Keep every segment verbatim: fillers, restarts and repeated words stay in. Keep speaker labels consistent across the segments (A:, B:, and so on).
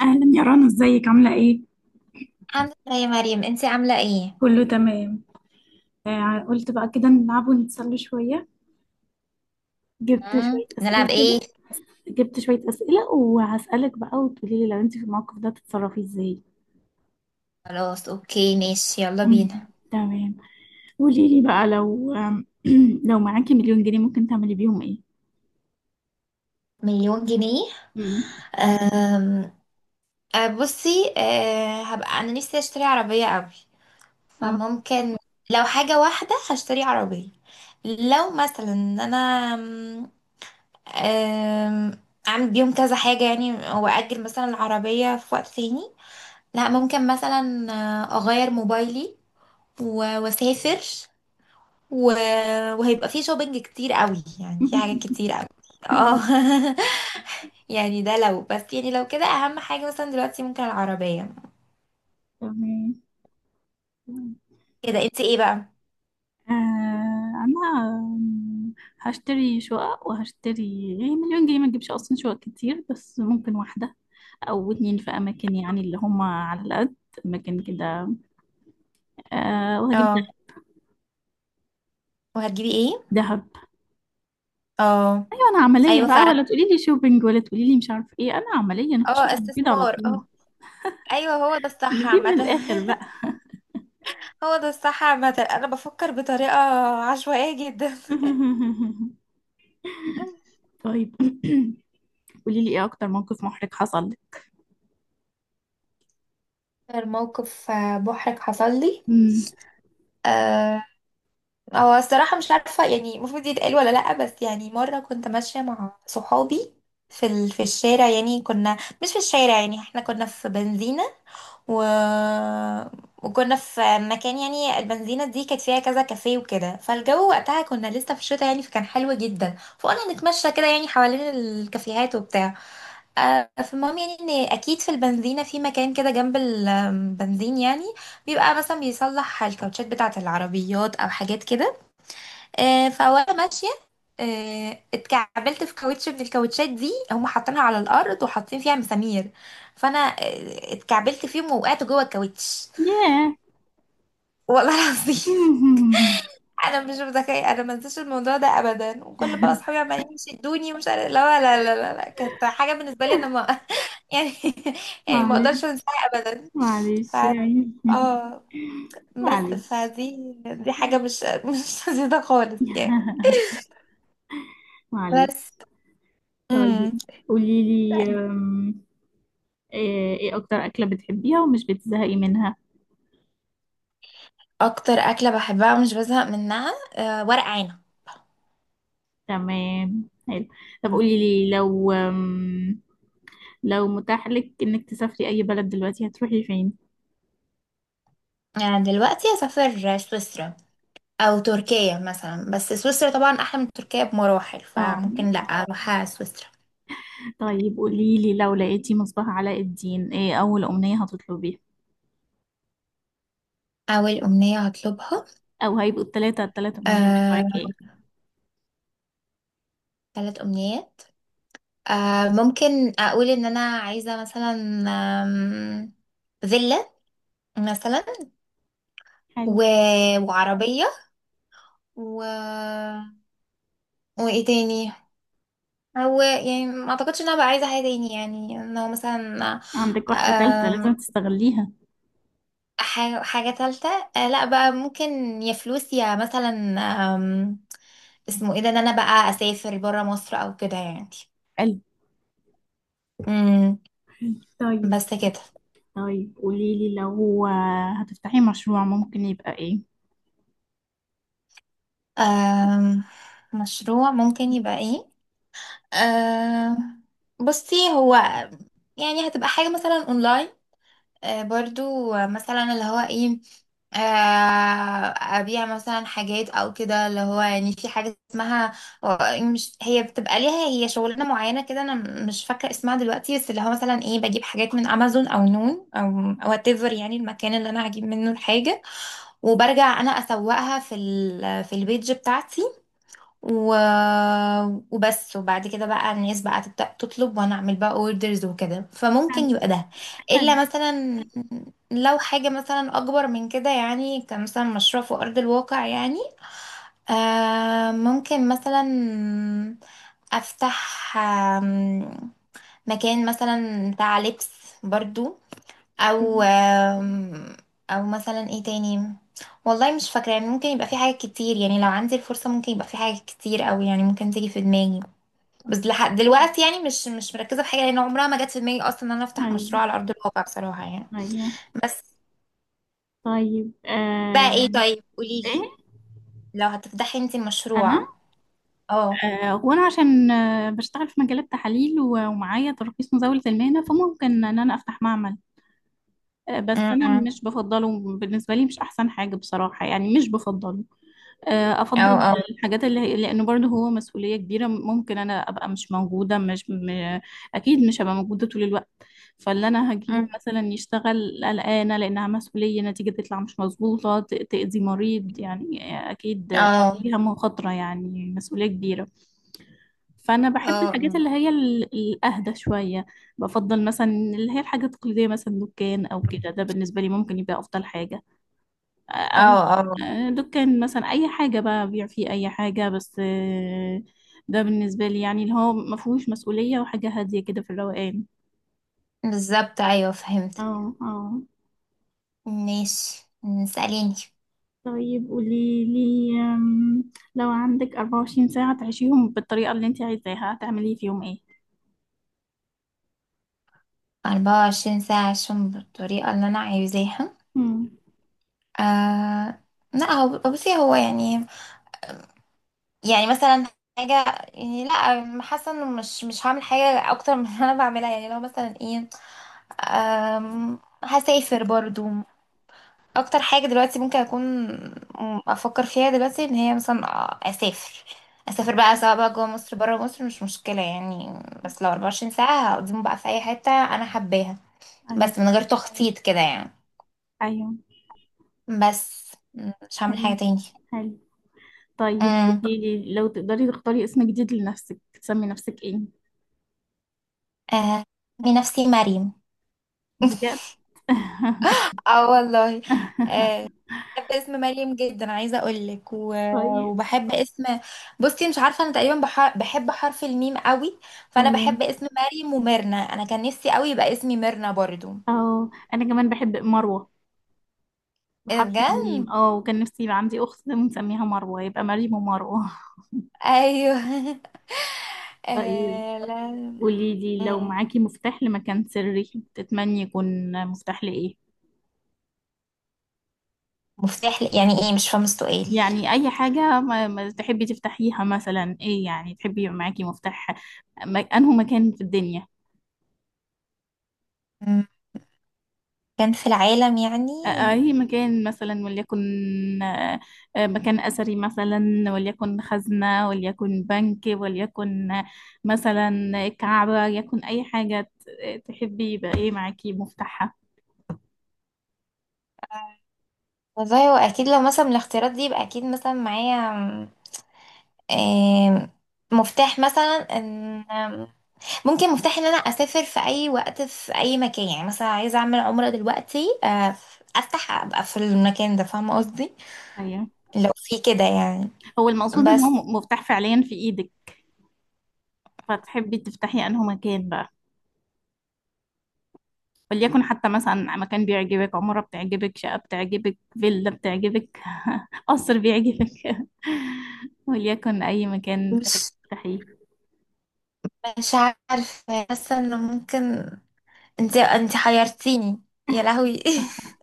A: أهلا يا رنا، ازيك؟ عاملة ايه؟
B: الحمد لله يا مريم، انتي عاملة ايه؟
A: كله تمام. آه، قلت بقى كده نلعب ونتسلى شوية. جبت
B: مم.
A: شوية
B: نلعب
A: أسئلة
B: ايه؟
A: كده. جبت شوية أسئلة وهسألك بقى وتقولي لي لو انت في الموقف ده تتصرفي ازاي.
B: خلاص اوكي ماشي، يلا بينا.
A: مم، تمام. قولي لي بقى، لو آم، لو معاكي مليون جنيه ممكن تعملي بيهم ايه؟
B: مليون جنيه.
A: مم.
B: أم... أه، بصي أه... هبقى انا نفسي اشتري عربية قوي.
A: آه.
B: فممكن، لو حاجة واحدة هشتري عربية. لو مثلا ان انا أم... أم، اعمل بيهم كذا حاجة يعني، واجل مثلا العربية في وقت تاني. لا، ممكن مثلا أه، اغير موبايلي و- واسافر و... وهيبقى فيه شوبينج كتير قوي، يعني في حاجات كتير قوي.
A: آه،
B: اه. يعني ده لو بس، يعني لو كده اهم حاجة مثلا دلوقتي ممكن العربية.
A: تمام.
B: كده انت ايه بقى؟
A: آه، أنا آم، هشتري شقق، وهشتري يعني مليون جنيه ما تجيبش أصلا شقق كتير، بس ممكن واحدة او اتنين في اماكن يعني اللي هم على القد. اماكن كده. أه، وهجيب ده-
B: اه. وهتجيبي ايه؟
A: دهب.
B: اه.
A: ايوه، انا عمليه
B: ايوه
A: بقى،
B: فعلا.
A: ولا تقولي لي شوبينج ولا تقولي لي مش عارف ايه، انا عمليه نخش في
B: اه،
A: الجديد على
B: استثمار،
A: طول.
B: اه. ايوه هو ده الصح
A: دي من
B: عامة.
A: الاخر بقى.
B: هو ده الصح عامة، انا بفكر بطريقة عشوائية جدا.
A: طيب، قولي لي ايه اكتر موقف محرج حصل لك؟
B: اكتر موقف آه، محرج حصل لي،
A: مم.
B: هو الصراحة مش عارفة يعني المفروض يتقال ولا لأ. بس يعني مرة كنت ماشية مع صحابي في ال... في الشارع، يعني كنا، مش في الشارع، يعني احنا كنا في بنزينة و... وكنا في مكان. يعني البنزينة دي كانت فيها كذا كافيه وكده، فالجو وقتها كنا لسه في الشتاء يعني، فكان حلو جدا، فقلنا نتمشى كده يعني حوالين الكافيهات وبتاع. آه، فالمهم يعني ان اكيد في البنزينة في مكان كده جنب البنزين يعني، بيبقى مثلا بيصلح الكاوتشات بتاعة العربيات او حاجات كده. آه، فوانا ماشيه آه، اتكعبلت في كاوتش من الكاوتشات دي، هم حاطينها على الارض وحاطين فيها مسامير. فانا آه، اتكعبلت فيهم ووقعت جوه الكاوتش.
A: ياه.
B: والله العظيم. انا مش متخيله، انا ما انساش الموضوع ده ابدا، وكل بقى اصحابي عمالين يشدوني، ومش عارف، لا لا لا لا لا، كانت حاجه بالنسبه لي انا ما يعني، يعني ما اقدرش
A: معلش.
B: انساها ابدا. ف،
A: معلش يعني.
B: اه. بس
A: معلش.
B: فدي دي حاجه مش مش لذيذه خالص يعني.
A: معلش.
B: بس.
A: طيب،
B: امم.
A: قولي لي ايه إيه اكتر اكلة بتحبيها ومش بتزهقي منها؟
B: اكتر اكله بحبها ومش بزهق منها، أه ورق عنب.
A: تمام، حلو. طب
B: مم.
A: قولي لي، لو أم، لو متاح لك انك تسافري اي بلد دلوقتي هتروحي فين؟
B: يعني دلوقتي اسافر سويسرا، او تركيا مثلا. بس سويسرا طبعا احلى من تركيا بمراحل،
A: اه.
B: فممكن لا اروح سويسرا.
A: طيب قولي لي، لو لقيتي مصباح علاء الدين، ايه اول امنية هتطلبيها؟
B: اول امنيه هطلبها،
A: او هيبقوا التلاتة التلات امنيات
B: أه،
A: بتوعك ايه؟
B: ثلاث امنيات. أه، ممكن اقول ان انا عايزه مثلا آم، فيلا مثلا،
A: حلو.
B: و... وعربيه، و... وايه تاني. هو يعني ما اعتقدش ان انا بقى عايزه حاجه تاني يعني. ان هو مثلا
A: عندك واحدة تالتة
B: آم،
A: لازم تستغليها.
B: حاجه حاجه ثالثه، لا بقى، ممكن يا فلوس يا مثلا آم، اسمه ايه ده، ان انا بقى اسافر بره مصر او كده يعني.
A: حلو.
B: امم.
A: طيب.
B: بس كده.
A: طيب قولي لي، لو آه، هتفتحي مشروع ممكن يبقى ايه؟
B: آم، مشروع ممكن يبقى ايه، آم، بصي هو يعني هتبقى حاجه مثلا اونلاين. آه، برضو آه، مثلا اللي هو ايه، آه، ابيع مثلا حاجات او كده، اللي هو يعني في حاجه اسمها آه، مش، هي بتبقى ليها هي شغلانه معينه كده. انا مش فاكره اسمها دلوقتي، بس اللي هو مثلا ايه، بجيب حاجات من امازون او نون او وات ايفر يعني، المكان اللي انا هجيب منه الحاجه، وبرجع انا اسوقها في ال في البيج بتاعتي و... وبس. وبعد كده بقى الناس بقى تبدأ تطلب، وانا اعمل بقى اوردرز وكده،
A: حلو.
B: فممكن يبقى ده.
A: حلو.
B: الا مثلا، لو حاجة مثلا اكبر من كده يعني، كمثلا مشروع في ارض الواقع يعني. آه ممكن مثلا افتح آم، مكان مثلا بتاع لبس برضو. او
A: حلو.
B: آم، او مثلا ايه تاني، والله مش فاكره يعني. ممكن يبقى في حاجات كتير يعني، لو عندي الفرصه ممكن يبقى في حاجات كتير قوي يعني، ممكن تيجي في دماغي. بس لحد دلوقتي يعني مش مش مركزه في حاجه، لان عمرها ما جت في دماغي اصلا ان انا افتح
A: ايوه.
B: مشروع على ارض الواقع بصراحه يعني.
A: ايوه.
B: بس،
A: طيب. آه،
B: بقى ايه؟ طيب
A: ايه؟
B: قوليلي، لو هتفتحي انت
A: انا؟
B: مشروع. اه.
A: آه، وانا عشان آه، بشتغل في مجالات تحاليل و- ومعايا ترخيص مزاولة المهنة، فممكن ان انا افتح معمل. آه، بس انا
B: أمم.
A: مش بفضله، بالنسبة لي مش احسن حاجة بصراحة، يعني مش بفضله. آه،
B: او
A: افضل
B: او
A: الحاجات اللي هي، لان برضه هو مسؤوليه كبيره، ممكن انا ابقى مش موجوده، مش م... اكيد مش هبقى موجوده طول الوقت. فاللي انا هجيبه
B: أمم.
A: مثلا يشتغل قلقانه لانها مسؤوليه، نتيجه تطلع مش مظبوطه ت- تاذي مريض يعني. اكيد.
B: اه،
A: فيها مخاطره يعني، مسؤوليه كبيره. فانا بحب
B: اه.
A: الحاجات
B: أمم.
A: اللي هي ال- الاهدى شويه. بفضل مثلا اللي هي الحاجات التقليديه، مثلا دكان او كده، ده بالنسبه لي ممكن يبقى افضل حاجه. آه،
B: اه، اه.
A: آه، دكان مثلا، اي حاجه بقى، بيع فيه اي حاجه، بس آه، ده بالنسبه لي يعني، اللي هو ما فيهوش مسؤوليه، وحاجه هاديه كده في الروقان.
B: بالظبط، ايوه فهمت.
A: اه. اه.
B: ماشي، سأليني.
A: طيب قولي لي أم، لو عندك أربعة وعشرين ساعة تعيشيهم بالطريقة اللي انت عايزاها، هتعملي فيهم ايه؟
B: أربعة وعشرين ساعة، عشان بالطريقة اللي أنا عايزاها.
A: امم.
B: آه لا، هو بصي، هو يعني، يعني مثلا حاجة. يعني لا، حاسة إنه مش مش هعمل حاجة أكتر من اللي أنا بعملها. يعني لو مثلا إيه، آم، هسافر برضو. أكتر حاجة دلوقتي ممكن أكون أفكر فيها دلوقتي إن هي مثلا آه، أسافر. أسافر بقى، سواء بقى جوه مصر بره مصر، مش مشكلة يعني. بس لو أربعة وعشرين ساعة هقضيهم بقى في أي حتة أنا حباها،
A: ايوه.
B: بس من غير تخطيط كده يعني.
A: ايوه.
B: بس م- مش هعمل
A: حلو.
B: حاجة تاني.
A: حلو. طيب،
B: امم.
A: قولي لي لو تقدري تختاري اسم جديد لنفسك، تسمي نفسك ايه؟
B: آه بنفسي مريم.
A: بجد؟
B: اه، والله. آه بحب اسم مريم جدا، عايزة اقولك، و...
A: طيب.
B: وبحب اسم، بصي مش عارفة انا تقريبا بح... بحب حرف الميم قوي. فانا
A: اه،
B: بحب اسم مريم وميرنا، انا كان نفسي قوي يبقى اسمي ميرنا برضو.
A: اه، انا كمان بحب مروة،
B: ايه ده
A: بحرف
B: بجد؟
A: الميم. اه، وكان نفسي يبقى عندي اخت ونسميها مروة، يبقى مريم ومروة.
B: ايوه.
A: طيب
B: آه لا.
A: قولي لي، لو
B: مم.
A: معاكي مفتاح لمكان سري، تتمني يكون مفتاح لايه؟
B: مفتاح ل- يعني ايه، مش فاهمة السؤال.
A: يعني اي حاجة ما ما تحبي تفتحيها، مثلا ايه يعني تحبي يبقى معاكي مفتاح، م- انه مكان في الدنيا.
B: مم. كان في العالم يعني؟
A: أي مكان مثلا، وليكن آه، آه، مكان أثري مثلا، وليكن خزنة، وليكن بنك، وليكن آه، مثلا كعبة، يكن أي حاجة ت- تحبي يبقى إيه معاكي مفتاحها.
B: آه. والله هو اكيد لو مثلا من الاختيارات دي، يبقى اكيد مثلا معايا آم، مفتاح مثلا ان آم، ممكن مفتاح ان انا اسافر في اي وقت في اي مكان. يعني مثلا عايزه اعمل عمره دلوقتي، آه، افتح ابقى في المكان ده، فاهمه قصدي؟
A: أيوة.
B: لو في كده يعني.
A: هو المقصود إن هو
B: بس
A: م- مفتاح فعليا في إيدك، فتحبي تفتحي أنه مكان بقى، وليكن حتى مثلا مكان بيعجبك، عمارة بتعجبك، شقة بتعجبك، فيلا بتعجبك، قصر بيعجبك. وليكن أي مكان تحب
B: مش
A: تفتحيه.
B: مش عارفه، حاسه انه ممكن، انت انت حيرتيني يا لهوي.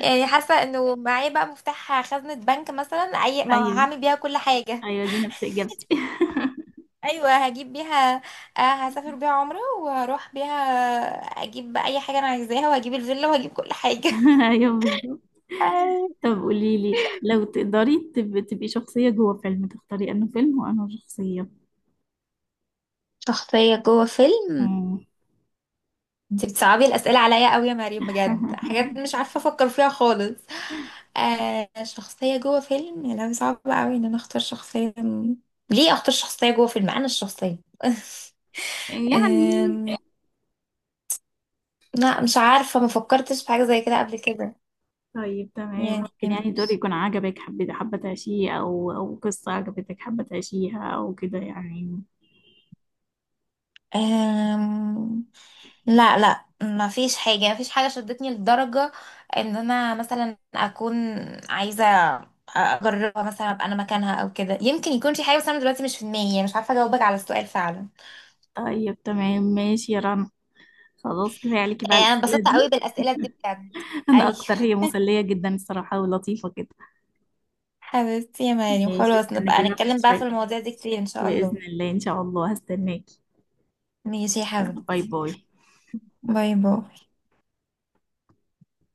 B: يعني حاسه انه معايا بقى مفتاح خزنه بنك مثلا، اي ما
A: أيوة.
B: هعمل بيها كل حاجه.
A: ايوه، دي نفس اجابتي.
B: ايوه، هجيب بيها. آه. هسافر بيها عمرة، واروح بيها، اجيب بقى اي حاجة انا عايزاها، وهجيب الفيلا، وهجيب كل حاجة.
A: ايوه، بالظبط.
B: أي.
A: طب قولي لي، لو تقدري تب... تبقي شخصية جوه فيلم، تختاري انه فيلم وانه شخصية؟
B: شخصية جوه فيلم؟
A: مم.
B: انت بتصعبي الأسئلة عليا قوي يا مريم، بجد حاجات مش عارفة افكر فيها خالص. آه شخصية جوه فيلم، يا لهوي، صعب قوي ان انا اختار شخصية. ليه اختار شخصية جوه فيلم، انا الشخصية.
A: يعني.
B: أم... لا، مش عارفة، ما فكرتش في حاجة زي كده قبل كده
A: طيب تمام.
B: يعني.
A: ممكن يعني دور يكون عجبك، حبيت حابة تعيشيه، او او قصة عجبتك حابة تعيشيها او كده يعني.
B: أم... لا لا، ما فيش حاجة، ما فيش حاجة شدتني لدرجة ان انا مثلا اكون عايزة اجربها، مثلا ابقى انا مكانها او كده. يمكن يكون في حاجة، بس انا دلوقتي مش في دماغي يعني، مش عارفة اجاوبك على السؤال فعلا.
A: طيب تمام، ماشي يا رنا. خلاص كفاية عليكي
B: آه،
A: بقى
B: انا
A: الأسئلة
B: انبسطت قوي
A: دي.
B: بالاسئلة دي بجد.
A: أنا
B: ايوه
A: أكتر، هي مسلية جدا الصراحة، ولطيفة كده.
B: حبيبتي يا مريم،
A: ماشي،
B: خلاص نبقى
A: استناكي بقى
B: نتكلم بقى في
A: شوية.
B: المواضيع دي كتير ان شاء
A: بإذن
B: الله.
A: الله، إن شاء الله هستناكي.
B: ماشي يا
A: باي
B: حبيبتي.
A: باي.
B: باي باي.